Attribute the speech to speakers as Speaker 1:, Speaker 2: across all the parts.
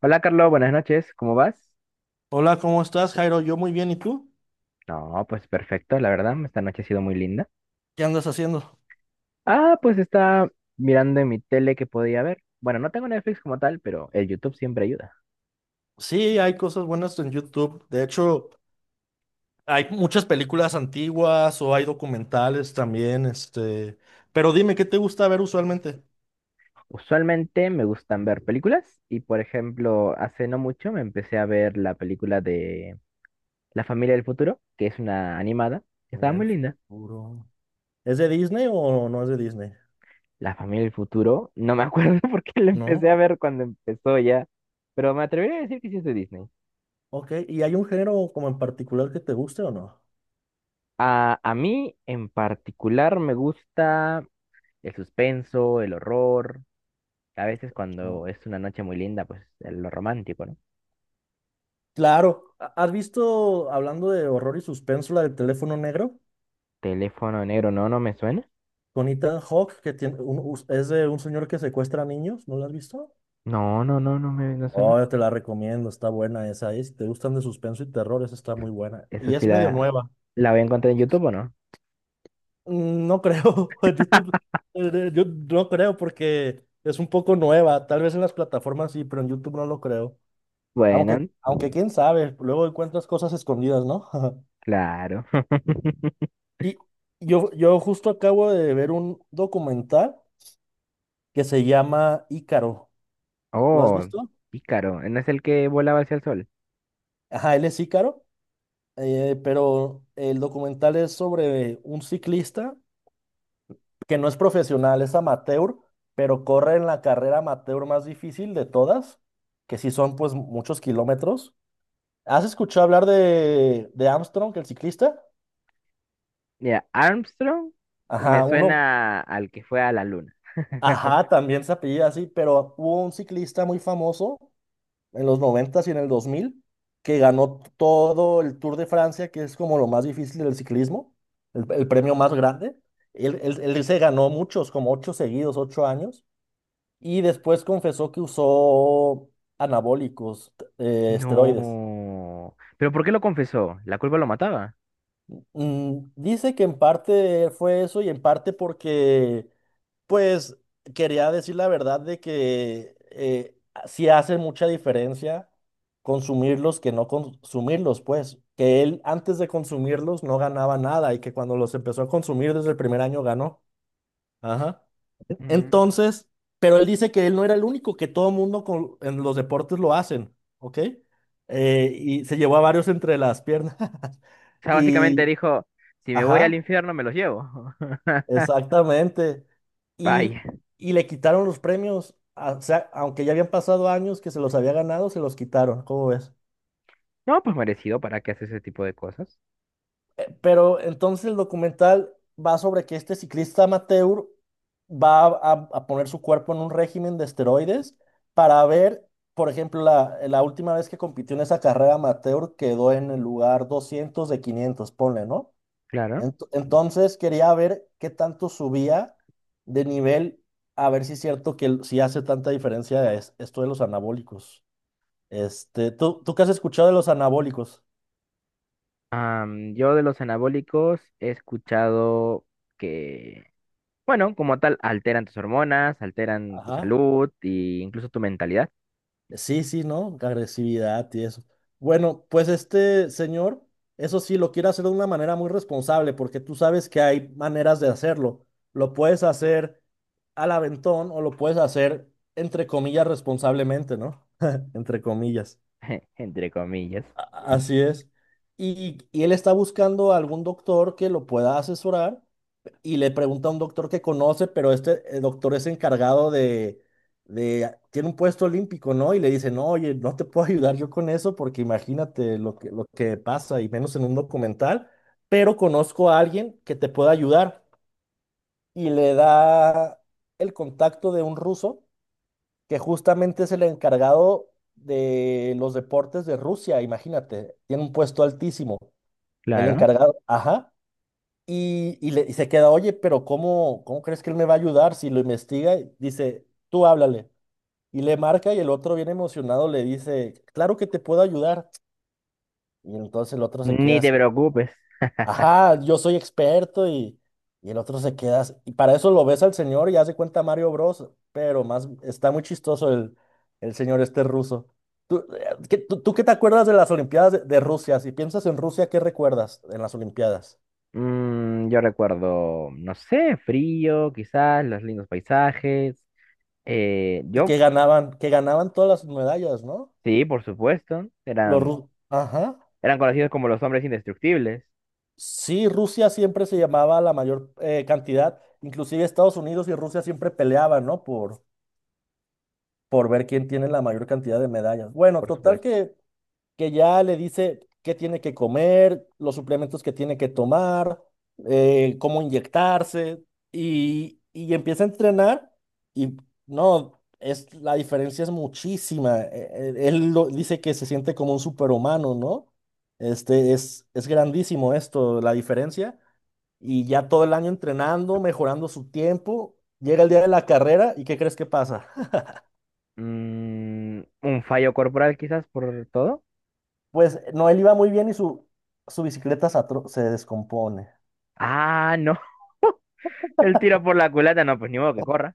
Speaker 1: Hola Carlos, buenas noches, ¿cómo vas?
Speaker 2: Hola, ¿cómo estás, Jairo? Yo muy bien, ¿y tú?
Speaker 1: No, pues perfecto, la verdad, esta noche ha sido muy linda.
Speaker 2: ¿Qué andas haciendo?
Speaker 1: Pues está mirando en mi tele que podía ver. Bueno, no tengo Netflix como tal, pero el YouTube siempre ayuda.
Speaker 2: Sí, hay cosas buenas en YouTube. De hecho, hay muchas películas antiguas o hay documentales también. Pero dime, ¿qué te gusta ver usualmente?
Speaker 1: Usualmente me gustan ver películas y, por ejemplo, hace no mucho me empecé a ver la película de La familia del futuro, que es una animada, que estaba
Speaker 2: Mirar el
Speaker 1: muy linda.
Speaker 2: futuro. ¿Es de Disney o no es de Disney?
Speaker 1: La familia del futuro, no me acuerdo por qué la empecé
Speaker 2: ¿No?
Speaker 1: a ver cuando empezó ya, pero me atrevería a decir que sí es de Disney.
Speaker 2: Ok, ¿y hay un género como en particular que te guste o no?
Speaker 1: A mí en particular me gusta el suspenso, el horror. A veces cuando
Speaker 2: No.
Speaker 1: es una noche muy linda, pues lo romántico, ¿no?
Speaker 2: Claro, ¿has visto, hablando de horror y suspenso, la del teléfono negro?
Speaker 1: Teléfono negro, no, no me suena.
Speaker 2: Con Ethan Hawke, que tiene es de un señor que secuestra niños, ¿no la has visto?
Speaker 1: No, no, no, no me no suena.
Speaker 2: Oh, yo te la recomiendo, está buena esa. ¿Eh? Si te gustan de suspenso y terror, esa está muy buena.
Speaker 1: Esa
Speaker 2: Y
Speaker 1: sí
Speaker 2: es medio nueva.
Speaker 1: la voy a encontrar en YouTube, ¿o no?
Speaker 2: No creo, YouTube, yo no creo porque es un poco nueva. Tal vez en las plataformas sí, pero en YouTube no lo creo. Aunque,
Speaker 1: Bueno,
Speaker 2: aunque quién sabe, luego encuentras cosas escondidas, ¿no?
Speaker 1: claro.
Speaker 2: Y yo justo acabo de ver un documental que se llama Ícaro. ¿Lo has
Speaker 1: Oh,
Speaker 2: visto?
Speaker 1: pícaro. ¿No es el que volaba hacia el sol?
Speaker 2: Ajá, él es Ícaro, pero el documental es sobre un ciclista que no es profesional, es amateur, pero corre en la carrera amateur más difícil de todas, que sí son pues muchos kilómetros. ¿Has escuchado hablar de, Armstrong, el ciclista?
Speaker 1: Mira, Armstrong me
Speaker 2: Ajá, uno,
Speaker 1: suena al que fue a la luna.
Speaker 2: ajá, también se apellida así, pero hubo un ciclista muy famoso en los 90 y en el 2000 que ganó todo el Tour de Francia, que es como lo más difícil del ciclismo, el premio más grande. Él se ganó muchos, como ocho seguidos, 8 años. Y después confesó que usó anabólicos, esteroides.
Speaker 1: No. ¿Pero por qué lo confesó? ¿La culpa lo mataba?
Speaker 2: Dice que en parte fue eso y en parte porque, pues, quería decir la verdad de que sí hace mucha diferencia consumirlos que no consumirlos, pues, que él antes de consumirlos no ganaba nada y que cuando los empezó a consumir desde el primer año ganó. Ajá.
Speaker 1: Mm.
Speaker 2: Entonces, pero él dice que él no era el único, que todo mundo en los deportes lo hacen, ¿ok? Y se llevó a varios entre las piernas.
Speaker 1: O sea, básicamente
Speaker 2: Y,
Speaker 1: dijo, si me voy al
Speaker 2: ajá,
Speaker 1: infierno, me los llevo.
Speaker 2: exactamente. Y,
Speaker 1: Vaya.
Speaker 2: y le quitaron los premios, o sea, aunque ya habían pasado años que se los había ganado, se los quitaron, ¿cómo ves?
Speaker 1: No, pues merecido, ¿para qué hace ese tipo de cosas?
Speaker 2: Pero entonces el documental va sobre que este ciclista amateur va a poner su cuerpo en un régimen de esteroides para ver, por ejemplo, la última vez que compitió en esa carrera amateur quedó en el lugar 200 de 500, ponle, ¿no?
Speaker 1: Claro.
Speaker 2: Entonces quería ver qué tanto subía de nivel, a ver si es cierto que si hace tanta diferencia esto de los anabólicos. ¿Tú qué has escuchado de los anabólicos?
Speaker 1: Yo de los anabólicos he escuchado que, bueno, como tal, alteran tus hormonas, alteran tu
Speaker 2: Ajá.
Speaker 1: salud e incluso tu mentalidad,
Speaker 2: Sí, sí, ¿no? Agresividad y eso. Bueno, pues este señor, eso sí, lo quiere hacer de una manera muy responsable, porque tú sabes que hay maneras de hacerlo. Lo puedes hacer al aventón o lo puedes hacer, entre comillas, responsablemente, ¿no? Entre comillas.
Speaker 1: entre comillas.
Speaker 2: Así es. Y él está buscando algún doctor que lo pueda asesorar y le pregunta a un doctor que conoce, pero este doctor es encargado tiene un puesto olímpico, ¿no? Y le dice, no, oye, no te puedo ayudar yo con eso porque imagínate lo que pasa, y menos en un documental, pero conozco a alguien que te pueda ayudar. Y le da el contacto de un ruso que justamente es el encargado de los deportes de Rusia, imagínate, tiene un puesto altísimo. El
Speaker 1: Claro.
Speaker 2: encargado, ajá. Y se queda, oye, pero ¿cómo crees que él me va a ayudar? Si lo investiga, dice, tú háblale. Y le marca y el otro bien emocionado le dice, claro que te puedo ayudar. Y entonces el otro se queda
Speaker 1: Ni te
Speaker 2: así,
Speaker 1: preocupes.
Speaker 2: ajá, yo soy experto y el otro se queda así. Y para eso lo ves al señor y hace cuenta Mario Bros, pero más, está muy chistoso el señor este ruso. ¿Tú qué te acuerdas de las Olimpiadas de Rusia? Si piensas en Rusia, ¿qué recuerdas en las Olimpiadas?
Speaker 1: Yo recuerdo, no sé, frío, quizás, los lindos paisajes. Eh,
Speaker 2: Y
Speaker 1: yo,
Speaker 2: que ganaban todas las medallas, ¿no?
Speaker 1: sí, por supuesto, era
Speaker 2: Ajá.
Speaker 1: eran conocidos como los hombres indestructibles,
Speaker 2: Sí, Rusia siempre se llamaba la mayor cantidad. Inclusive Estados Unidos
Speaker 1: por supuesto.
Speaker 2: que ya le dice qué tiene que comer, los suplementos que tiene que tomar, cómo inyectarse, y empieza a entrenar y no, la diferencia es muchísima. Él dice que se siente como un superhumano, ¿no? Es grandísimo esto, la diferencia, y ya todo el año entrenando, mejorando su tiempo, llega el día de la carrera, ¿y qué crees que pasa?
Speaker 1: Mm, un fallo corporal quizás por todo.
Speaker 2: Pues no, él iba muy bien y su bicicleta se descompone.
Speaker 1: Ah, no. El tiro por la culata, no, pues ni modo que corra.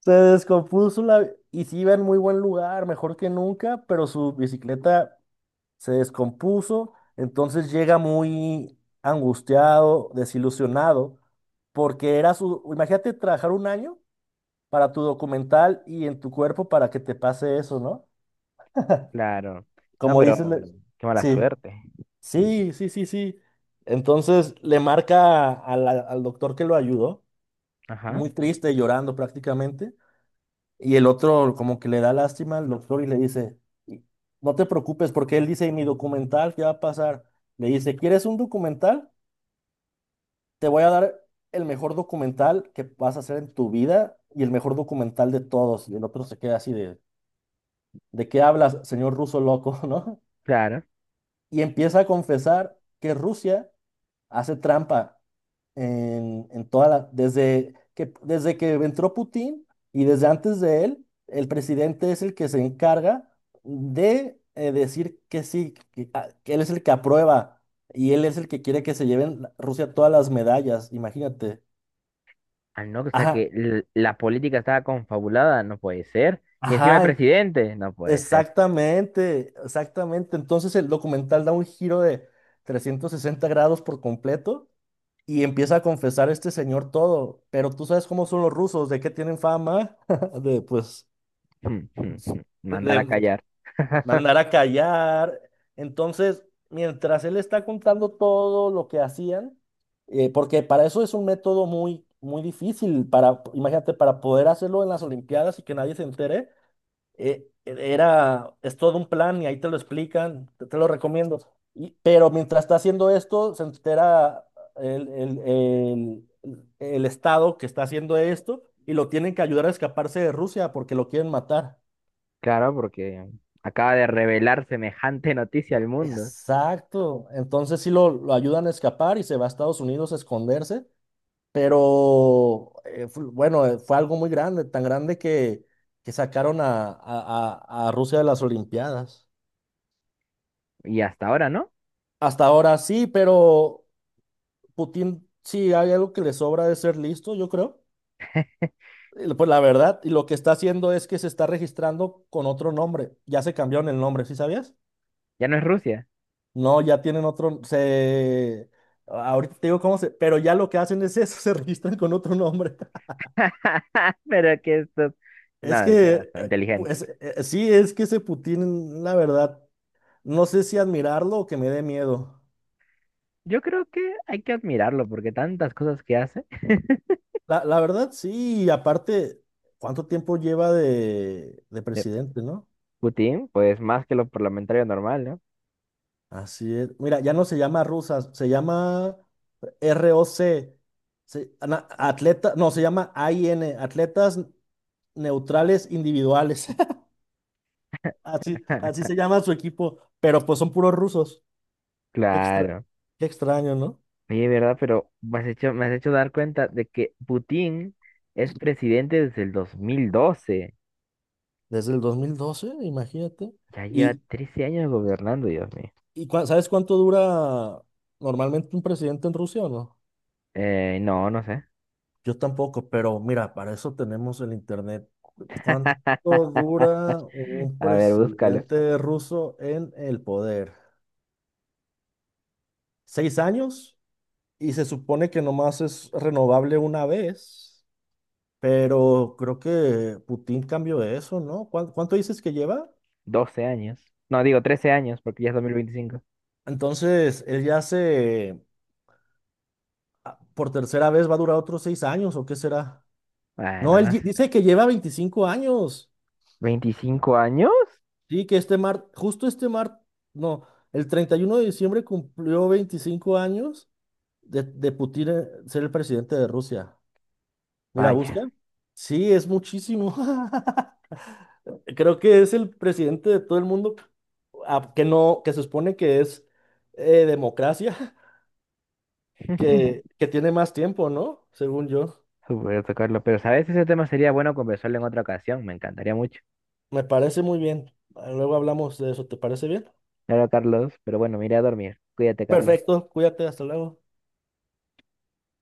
Speaker 2: Se descompuso la. Y sí iba en muy buen lugar, mejor que nunca, pero su bicicleta se descompuso, entonces llega muy angustiado, desilusionado, porque era su. Imagínate trabajar un año para tu documental y en tu cuerpo para que te pase eso, ¿no?
Speaker 1: Claro. No,
Speaker 2: Como dices,
Speaker 1: pero qué mala
Speaker 2: sí,
Speaker 1: suerte.
Speaker 2: sí, sí, sí, sí. Entonces le marca a al doctor que lo ayudó,
Speaker 1: Ajá,
Speaker 2: muy triste, llorando prácticamente. Y el otro como que le da lástima al doctor y le dice, "Y- no te preocupes porque él dice, mi documental, ¿qué va a pasar? Le dice, ¿quieres un documental? Te voy a dar el mejor documental que vas a hacer en tu vida y el mejor documental de todos. Y el otro se queda así ¿de qué hablas, señor ruso loco, no?
Speaker 1: claro.
Speaker 2: Y empieza a confesar que Rusia hace trampa en toda desde que entró Putin y desde antes de él, el presidente es el que se encarga de decir que sí, que él es el que aprueba y él es el que quiere que se lleven Rusia todas las medallas, imagínate.
Speaker 1: Ah, no, o sea
Speaker 2: Ajá,
Speaker 1: que la política estaba confabulada, no puede ser. Y encima el
Speaker 2: ajá,
Speaker 1: presidente, no puede ser.
Speaker 2: exactamente, exactamente. Entonces el documental da un giro de 360 grados por completo y empieza a confesar este señor todo, pero tú sabes cómo son los rusos, de qué tienen fama, de pues
Speaker 1: Hmm.
Speaker 2: de,
Speaker 1: Mandar a
Speaker 2: de
Speaker 1: callar.
Speaker 2: mandar a callar. Entonces, mientras él está contando todo lo que hacían, porque para eso es un método muy, muy difícil, para, imagínate, para poder hacerlo en las Olimpiadas y que nadie se entere, es todo un plan y ahí te lo explican, te lo recomiendo. Pero mientras está haciendo esto, se entera el, el- el- el Estado que está haciendo esto y lo tienen que ayudar a escaparse de Rusia porque lo quieren matar.
Speaker 1: Claro, porque acaba de revelar semejante noticia al mundo.
Speaker 2: Exacto. Entonces sí lo ayudan a escapar y se va a Estados Unidos a esconderse, pero bueno, fue algo muy grande, tan grande que sacaron a Rusia de las Olimpiadas.
Speaker 1: Y hasta ahora, ¿no?
Speaker 2: Hasta ahora sí, pero Putin, sí hay algo que le sobra de ser listo, yo creo. Pues la verdad, y lo que está haciendo es que se está registrando con otro nombre. Ya se cambiaron el nombre, ¿sí sabías?
Speaker 1: Ya no es Rusia.
Speaker 2: No, ya tienen otro, se. Ahorita te digo cómo se. Pero ya lo que hacen es eso, se registran con otro nombre.
Speaker 1: Pero que estos,
Speaker 2: Es
Speaker 1: no, tiene
Speaker 2: que,
Speaker 1: razón, inteligentes.
Speaker 2: pues sí, es que ese Putin, la verdad, no sé si admirarlo o que me dé miedo.
Speaker 1: Yo creo que hay que admirarlo porque tantas cosas que hace.
Speaker 2: La verdad, sí, y aparte, ¿cuánto tiempo lleva de
Speaker 1: Eh,
Speaker 2: presidente, no?
Speaker 1: Putin, pues más que lo parlamentario normal, ¿no?
Speaker 2: Así es. Mira, ya no se llama rusas, se llama ROC, no, se llama AIN, Atletas Neutrales Individuales. Así, así se llama su equipo, pero pues son puros rusos. Qué extra,
Speaker 1: Claro.
Speaker 2: qué extraño, ¿no?
Speaker 1: Oye, ¿verdad? Pero me has hecho dar cuenta de que Putin es presidente desde el 2012.
Speaker 2: Desde el 2012, imagínate.
Speaker 1: Ya lleva
Speaker 2: ¿Y,
Speaker 1: 13 años gobernando, Dios mío.
Speaker 2: y sabes cuánto dura normalmente un presidente en Rusia o no?
Speaker 1: No, no sé.
Speaker 2: Yo tampoco, pero mira, para eso tenemos el internet. ¿Cuánto dura un
Speaker 1: A ver, búscalo.
Speaker 2: presidente ruso en el poder? ¿6 años? Y se supone que nomás es renovable una vez, pero creo que Putin cambió eso, ¿no? ¿Cuánto dices que lleva?
Speaker 1: 12 años. No, digo 13 años porque ya es 2025.
Speaker 2: Entonces, él ya por tercera vez va a durar otros 6 años, ¿o qué será? No,
Speaker 1: Bueno,
Speaker 2: él
Speaker 1: no
Speaker 2: di-
Speaker 1: sé.
Speaker 2: dice que lleva 25 años.
Speaker 1: ¿25 años?
Speaker 2: Sí, que este mar, justo este mar, no, el 31 de diciembre cumplió 25 años de Putin ser el presidente de Rusia. Mira, busca.
Speaker 1: Vaya.
Speaker 2: Sí, es muchísimo. Creo que es el presidente de todo el mundo que no, que se supone que es democracia, que, que tiene más tiempo, ¿no? Según yo.
Speaker 1: Supuesto, Carlos. Pero, ¿sabes? Ese tema sería bueno conversarlo en otra ocasión. Me encantaría mucho.
Speaker 2: Me parece muy bien. Ah, luego hablamos de eso, ¿te parece bien?
Speaker 1: Claro, Carlos. Pero bueno, me iré a dormir. Cuídate, Carlos.
Speaker 2: Perfecto, cuídate, hasta luego.